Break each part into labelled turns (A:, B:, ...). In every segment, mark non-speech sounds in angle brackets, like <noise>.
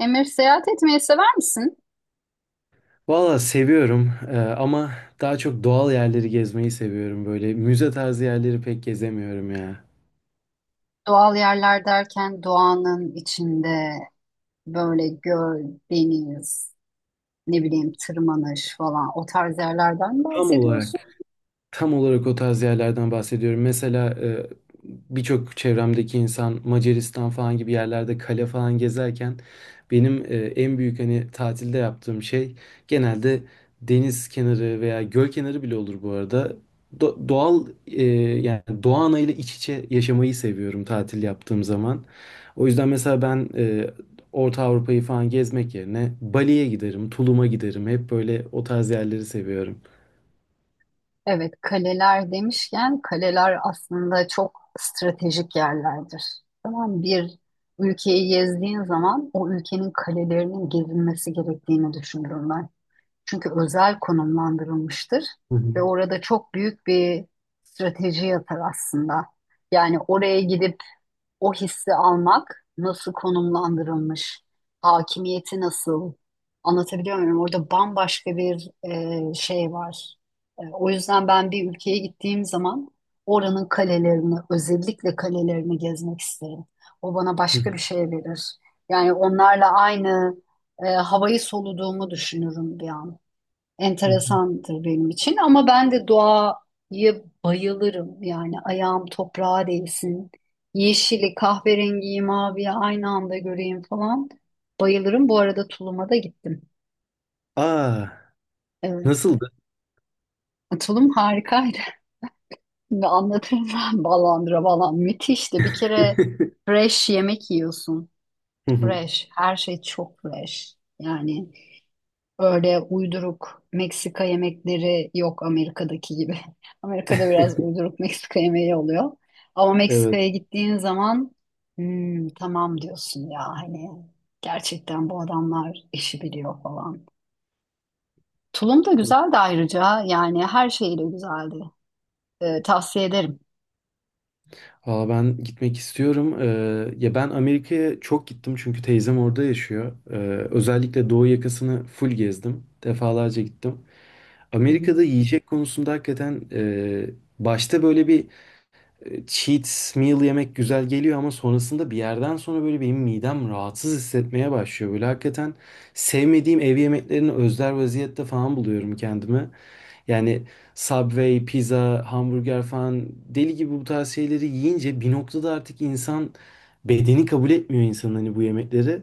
A: Emir, seyahat etmeyi sever misin?
B: Valla seviyorum ama daha çok doğal yerleri gezmeyi seviyorum. Böyle müze tarzı yerleri pek gezemiyorum ya.
A: Doğal yerler derken doğanın içinde böyle göl, deniz, ne bileyim tırmanış falan o tarz yerlerden
B: Tam
A: bahsediyorsun.
B: olarak. Tam olarak o tarz yerlerden bahsediyorum. Mesela birçok çevremdeki insan Macaristan falan gibi yerlerde kale falan gezerken benim en büyük hani tatilde yaptığım şey genelde deniz kenarı veya göl kenarı bile olur bu arada. Doğal yani doğa anayla iç içe yaşamayı seviyorum tatil yaptığım zaman. O yüzden mesela ben Orta Avrupa'yı falan gezmek yerine Bali'ye giderim, Tulum'a giderim. Hep böyle o tarz yerleri seviyorum.
A: Evet, kaleler demişken kaleler aslında çok stratejik yerlerdir. Tamam, bir ülkeyi gezdiğin zaman o ülkenin kalelerinin gezilmesi gerektiğini düşünürüm ben. Çünkü özel konumlandırılmıştır
B: Hı
A: ve
B: hı.
A: orada çok büyük bir strateji yatar aslında. Yani oraya gidip o hissi almak nasıl konumlandırılmış, hakimiyeti nasıl anlatabiliyor muyum? Orada bambaşka bir şey var. O yüzden ben bir ülkeye gittiğim zaman oranın kalelerini, özellikle kalelerini gezmek isterim. O bana
B: Hı
A: başka bir
B: hı.
A: şey verir. Yani onlarla aynı havayı soluduğumu düşünürüm bir an,
B: Hı hı.
A: enteresandır benim için ama ben de doğaya bayılırım. Yani ayağım toprağa değsin. Yeşili, kahverengiyi, maviyi aynı anda göreyim falan. Bayılırım. Bu arada Tulum'a da gittim.
B: Aa,
A: Evet.
B: nasıldı?
A: Tulum harikaydı. <laughs> Şimdi anlatırım ben ballandıra. Müthişti. Bir kere
B: <laughs>
A: fresh yemek yiyorsun.
B: Hı hı.
A: Fresh. Her şey çok fresh. Yani öyle uyduruk Meksika yemekleri yok Amerika'daki gibi. <laughs> Amerika'da biraz
B: <laughs>
A: uyduruk Meksika yemeği oluyor. Ama
B: Evet.
A: Meksika'ya gittiğin zaman Hmm, tamam diyorsun ya, hani gerçekten bu adamlar işi biliyor falan. Tulum da güzeldi ayrıca, yani her şeyle güzeldi. Tavsiye ederim.
B: Aa, ben gitmek istiyorum. Ya ben Amerika'ya çok gittim çünkü teyzem orada yaşıyor. Özellikle doğu yakasını full gezdim. Defalarca gittim.
A: Hı hı.
B: Amerika'da yiyecek konusunda hakikaten başta böyle bir cheat meal yemek güzel geliyor ama sonrasında bir yerden sonra böyle benim midem rahatsız hissetmeye başlıyor. Böyle hakikaten sevmediğim ev yemeklerini özler vaziyette falan buluyorum kendimi. Yani Subway, pizza, hamburger falan deli gibi bu tarz şeyleri yiyince bir noktada artık insan bedeni kabul etmiyor insanın hani bu yemekleri.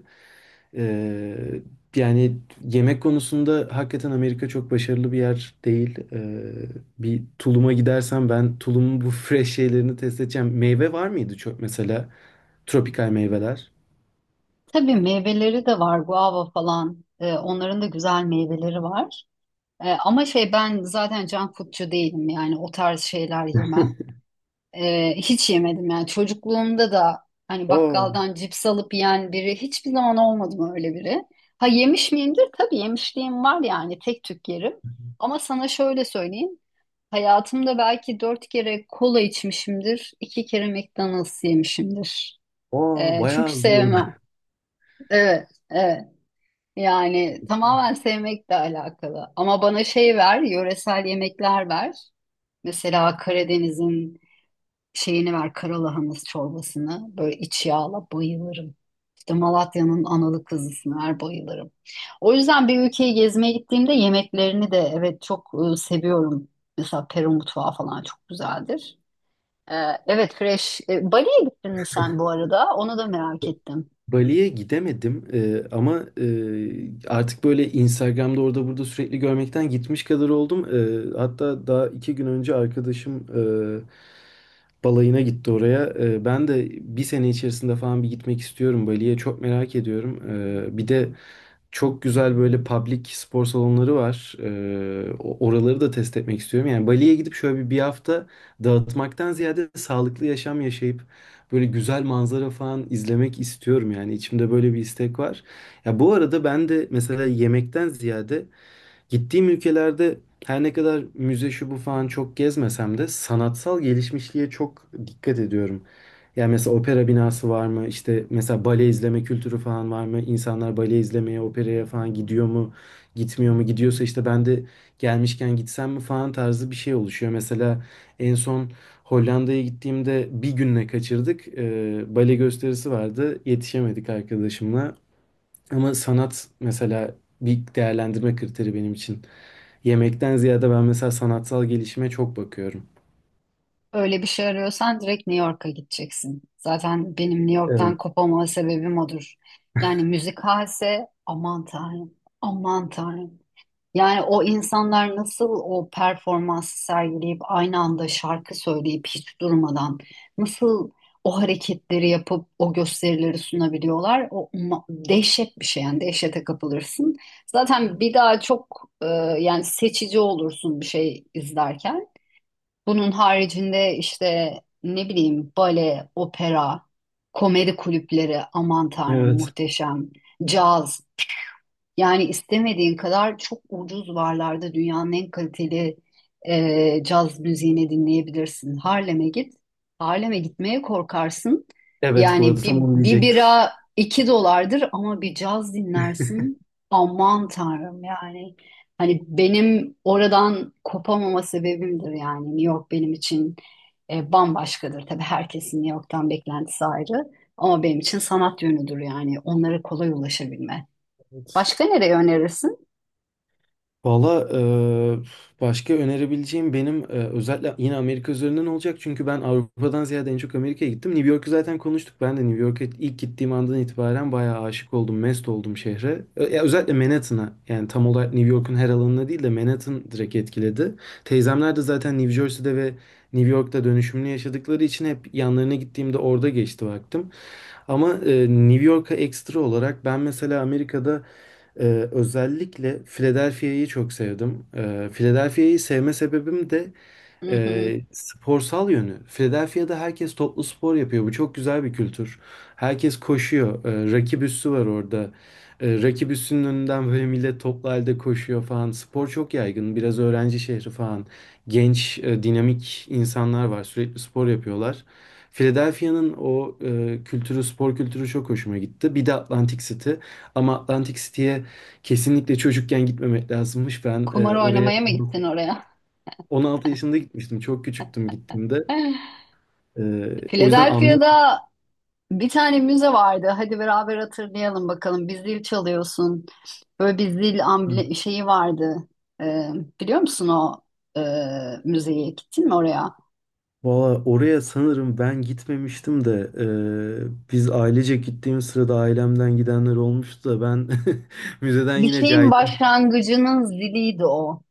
B: Ee, yani yemek konusunda hakikaten Amerika çok başarılı bir yer değil. Bir Tulum'a gidersem ben Tulum'un bu fresh şeylerini test edeceğim. Meyve var mıydı çok mesela? Tropikal meyveler.
A: Tabii meyveleri de var, guava falan. Onların da güzel meyveleri var. Ama şey, ben zaten can foodcu değilim, yani o tarz şeyler yemem. Hiç yemedim yani, çocukluğumda da hani
B: Aa,
A: bakkaldan cips alıp yiyen biri hiçbir zaman olmadım, öyle biri. Ha, yemiş miyimdir? Tabii, yemişliğim var yani, tek tük yerim. Ama sana şöyle söyleyeyim. Hayatımda belki dört kere kola içmişimdir. İki kere McDonald's yemişimdir.
B: aa bayağı
A: Çünkü
B: az bu
A: sevmem.
B: arada.
A: Evet, evet. Yani tamamen sevmekle alakalı. Ama bana şey ver, yöresel yemekler ver. Mesela Karadeniz'in şeyini ver, karalahanası çorbasını böyle iç yağla, bayılırım. İşte Malatya'nın analı kızısını ver, bayılırım. O yüzden bir ülkeyi gezmeye gittiğimde yemeklerini de evet çok seviyorum. Mesela Peru mutfağı falan çok güzeldir. Ee, evet, fresh. Bali'ye gittin mi sen bu arada? Onu da merak ettim.
B: Bali'ye gidemedim. Ama artık böyle Instagram'da orada burada sürekli görmekten gitmiş kadar oldum. Hatta daha iki gün önce arkadaşım balayına gitti oraya. Ben de bir sene içerisinde falan bir gitmek istiyorum Bali'ye. Çok merak ediyorum. Bir de çok güzel böyle public spor salonları var. Oraları da test etmek istiyorum. Yani Bali'ye gidip şöyle bir hafta dağıtmaktan ziyade sağlıklı yaşam yaşayıp böyle güzel manzara falan izlemek istiyorum yani içimde böyle bir istek var. Ya bu arada ben de mesela yemekten ziyade gittiğim ülkelerde her ne kadar müze şu bu falan çok gezmesem de sanatsal gelişmişliğe çok dikkat ediyorum. Yani mesela opera binası var mı? İşte mesela bale izleme kültürü falan var mı? İnsanlar bale izlemeye, operaya falan gidiyor mu? Gitmiyor mu? Gidiyorsa işte ben de gelmişken gitsem mi falan tarzı bir şey oluşuyor. Mesela en son Hollanda'ya gittiğimde bir günle kaçırdık. Bale gösterisi vardı. Yetişemedik arkadaşımla. Ama sanat mesela bir değerlendirme kriteri benim için. Yemekten ziyade ben mesela sanatsal gelişime çok bakıyorum.
A: Öyle bir şey arıyorsan direkt New York'a gideceksin. Zaten benim New
B: Evet.
A: York'tan kopamama sebebim odur. Yani müzik halse, aman tanrım, aman tanrım. Yani o insanlar nasıl o performansı sergileyip aynı anda şarkı söyleyip hiç durmadan nasıl o hareketleri yapıp o gösterileri sunabiliyorlar? O dehşet bir şey, yani dehşete kapılırsın. Zaten bir daha çok yani seçici olursun bir şey izlerken. Bunun haricinde işte ne bileyim bale, opera, komedi kulüpleri, aman tanrım
B: Evet.
A: muhteşem, caz. Yani istemediğin kadar çok ucuz varlarda dünyanın en kaliteli caz müziğini dinleyebilirsin. Harlem'e git. Harlem'e gitmeye korkarsın.
B: Evet, bu arada
A: Yani bir,
B: tamam
A: bir
B: diyecektim.
A: bira 2 dolardır ama bir caz dinlersin. Aman tanrım yani. Hani benim oradan kopamama sebebimdir yani. New York benim için bambaşkadır. Tabii herkesin New York'tan beklentisi ayrı. Ama benim için sanat yönüdür yani. Onlara kolay ulaşabilme.
B: Evet.
A: Başka nereye önerirsin?
B: Valla başka önerebileceğim benim özellikle yine Amerika üzerinden olacak. Çünkü ben Avrupa'dan ziyade en çok Amerika'ya gittim. New York'u zaten konuştuk. Ben de New York'a ilk gittiğim andan itibaren bayağı aşık oldum, mest oldum şehre. Ya özellikle Manhattan'a, yani tam olarak New York'un her alanına değil de Manhattan direkt etkiledi. Teyzemler de zaten New Jersey'de ve New York'ta dönüşümlü yaşadıkları için hep yanlarına gittiğimde orada geçti vaktim. Ama New York'a ekstra olarak ben mesela Amerika'da özellikle Philadelphia'yı çok sevdim. Philadelphia'yı sevme sebebim de
A: Hı hı.
B: sporsal yönü. Philadelphia'da herkes toplu spor yapıyor. Bu çok güzel bir kültür. Herkes koşuyor. Rakip üssü var orada. Rakip üssünün önünden böyle millet toplu halde koşuyor falan. Spor çok yaygın. Biraz öğrenci şehri falan. Genç, dinamik insanlar var. Sürekli spor yapıyorlar. Philadelphia'nın o kültürü, spor kültürü çok hoşuma gitti. Bir de Atlantic City. Ama Atlantic City'ye kesinlikle çocukken gitmemek lazımmış. Ben
A: Kumar
B: oraya
A: oynamaya mı gittin oraya?
B: 16 yaşında gitmiştim. Çok küçüktüm gittiğimde.
A: <laughs>
B: O yüzden anlayamadım.
A: Philadelphia'da bir tane müze vardı. Hadi beraber hatırlayalım bakalım. Bir zil çalıyorsun. Böyle bir zil
B: Hı.
A: amble şeyi vardı. Ee, Biliyor musun o e, müzeye? Gittin mi oraya?
B: Valla oraya sanırım ben gitmemiştim de biz ailece gittiğim sırada ailemden gidenler olmuştu da ben <laughs> müzeden
A: Bir
B: yine
A: şeyin
B: caydım.
A: başlangıcının ziliydi o.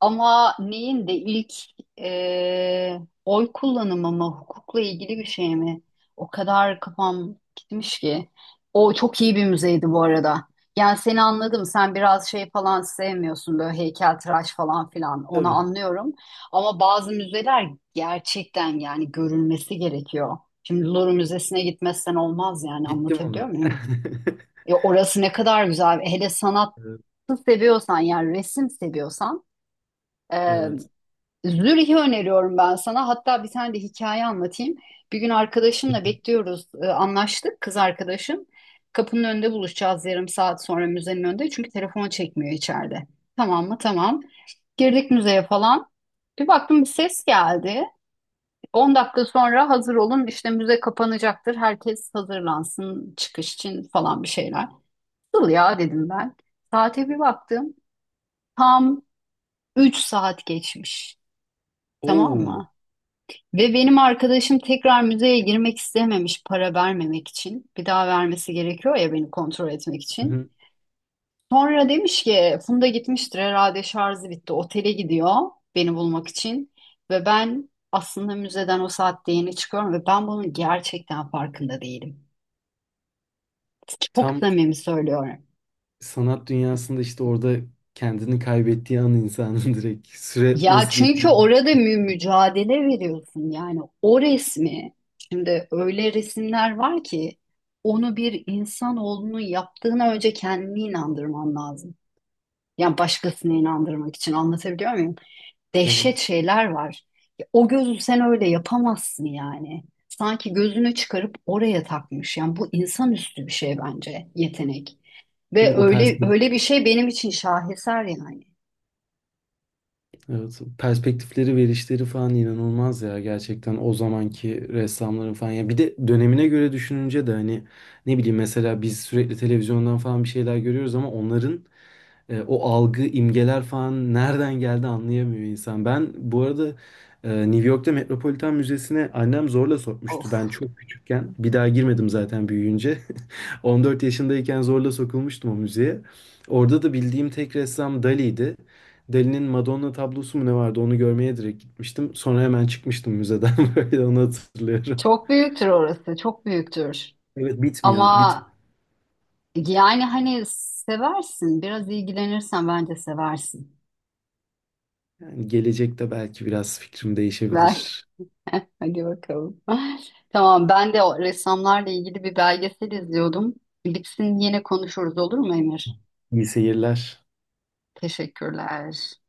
A: Ama neyin de ilk e, oy kullanımı mı, hukukla ilgili bir şey mi? O kadar kafam gitmiş ki. O çok iyi bir müzeydi bu arada. Yani seni anladım. Sen biraz şey falan sevmiyorsun, böyle heykeltıraş falan filan. Onu
B: Tabii
A: anlıyorum. Ama bazı müzeler gerçekten yani görülmesi gerekiyor. Şimdi Louvre Müzesi'ne gitmezsen olmaz, yani
B: gittim
A: anlatabiliyor
B: ona.
A: muyum?
B: <laughs>
A: Ya orası ne kadar güzel. Hele sanatı
B: Evet.
A: seviyorsan, yani resim seviyorsan.
B: Evet.
A: Zürih'i öneriyorum ben sana. Hatta bir tane de hikaye anlatayım. Bir gün arkadaşımla bekliyoruz. Anlaştık kız arkadaşım. Kapının önünde buluşacağız yarım saat sonra, müzenin önünde. Çünkü telefonu çekmiyor içeride. Tamam mı? Tamam. Girdik müzeye falan. Bir baktım bir ses geldi. 10 dakika sonra hazır olun, işte müze kapanacaktır. Herkes hazırlansın çıkış için falan, bir şeyler. Nasıl ya, dedim ben. Saate bir baktım. Tam 3 saat geçmiş. Tamam
B: Oo.
A: mı? Ve benim arkadaşım tekrar müzeye girmek istememiş para vermemek için. Bir daha vermesi gerekiyor ya, beni kontrol etmek
B: Hı
A: için.
B: hı.
A: Sonra demiş ki Funda gitmiştir herhalde, şarjı bitti. Otele gidiyor beni bulmak için. Ve ben aslında müzeden o saatte yeni çıkıyorum ve ben bunun gerçekten farkında değilim. Çok
B: Tam
A: samimi söylüyorum.
B: sanat dünyasında işte orada kendini kaybettiği an insanın <laughs> direkt süre
A: Ya
B: nasıl
A: çünkü
B: geçtiğini.
A: orada mücadele veriyorsun yani o resmi. Şimdi öyle resimler var ki onu bir insanoğlunun yaptığına önce kendini inandırman lazım. Yani başkasını inandırmak için, anlatabiliyor muyum? Dehşet
B: Evet.
A: şeyler var. Ya o gözü sen öyle yapamazsın yani. Sanki gözünü çıkarıp oraya takmış. Yani bu insanüstü bir şey bence, yetenek.
B: Değil
A: Ve
B: mi? O
A: öyle
B: perspektif.
A: öyle bir şey benim için şaheser yani.
B: Evet, perspektifleri, verişleri falan inanılmaz ya gerçekten o zamanki ressamların falan, ya bir de dönemine göre düşününce de hani ne bileyim mesela biz sürekli televizyondan falan bir şeyler görüyoruz ama onların o algı, imgeler falan nereden geldi anlayamıyor insan. Ben bu arada New York'ta Metropolitan Müzesi'ne annem zorla
A: Of.
B: sokmuştu. Ben çok küçükken, bir daha girmedim zaten büyüyünce. <laughs> 14 yaşındayken zorla sokulmuştum o müzeye. Orada da bildiğim tek ressam Dali'ydi. Dali'nin Madonna tablosu mu ne vardı, onu görmeye direkt gitmiştim. Sonra hemen çıkmıştım müzeden, <laughs> böyle onu hatırlıyorum.
A: Çok büyüktür orası, çok büyüktür.
B: Evet, bitmiyor,
A: Ama
B: bitmiyor.
A: yani hani seversin, biraz ilgilenirsen bence seversin.
B: Yani gelecekte belki biraz fikrim
A: Belki.
B: değişebilir.
A: <laughs> Hadi bakalım. Tamam, ben de o ressamlarla ilgili bir belgesel izliyordum. Bitsin yine konuşuruz, olur mu Emir?
B: İyi seyirler.
A: Teşekkürler.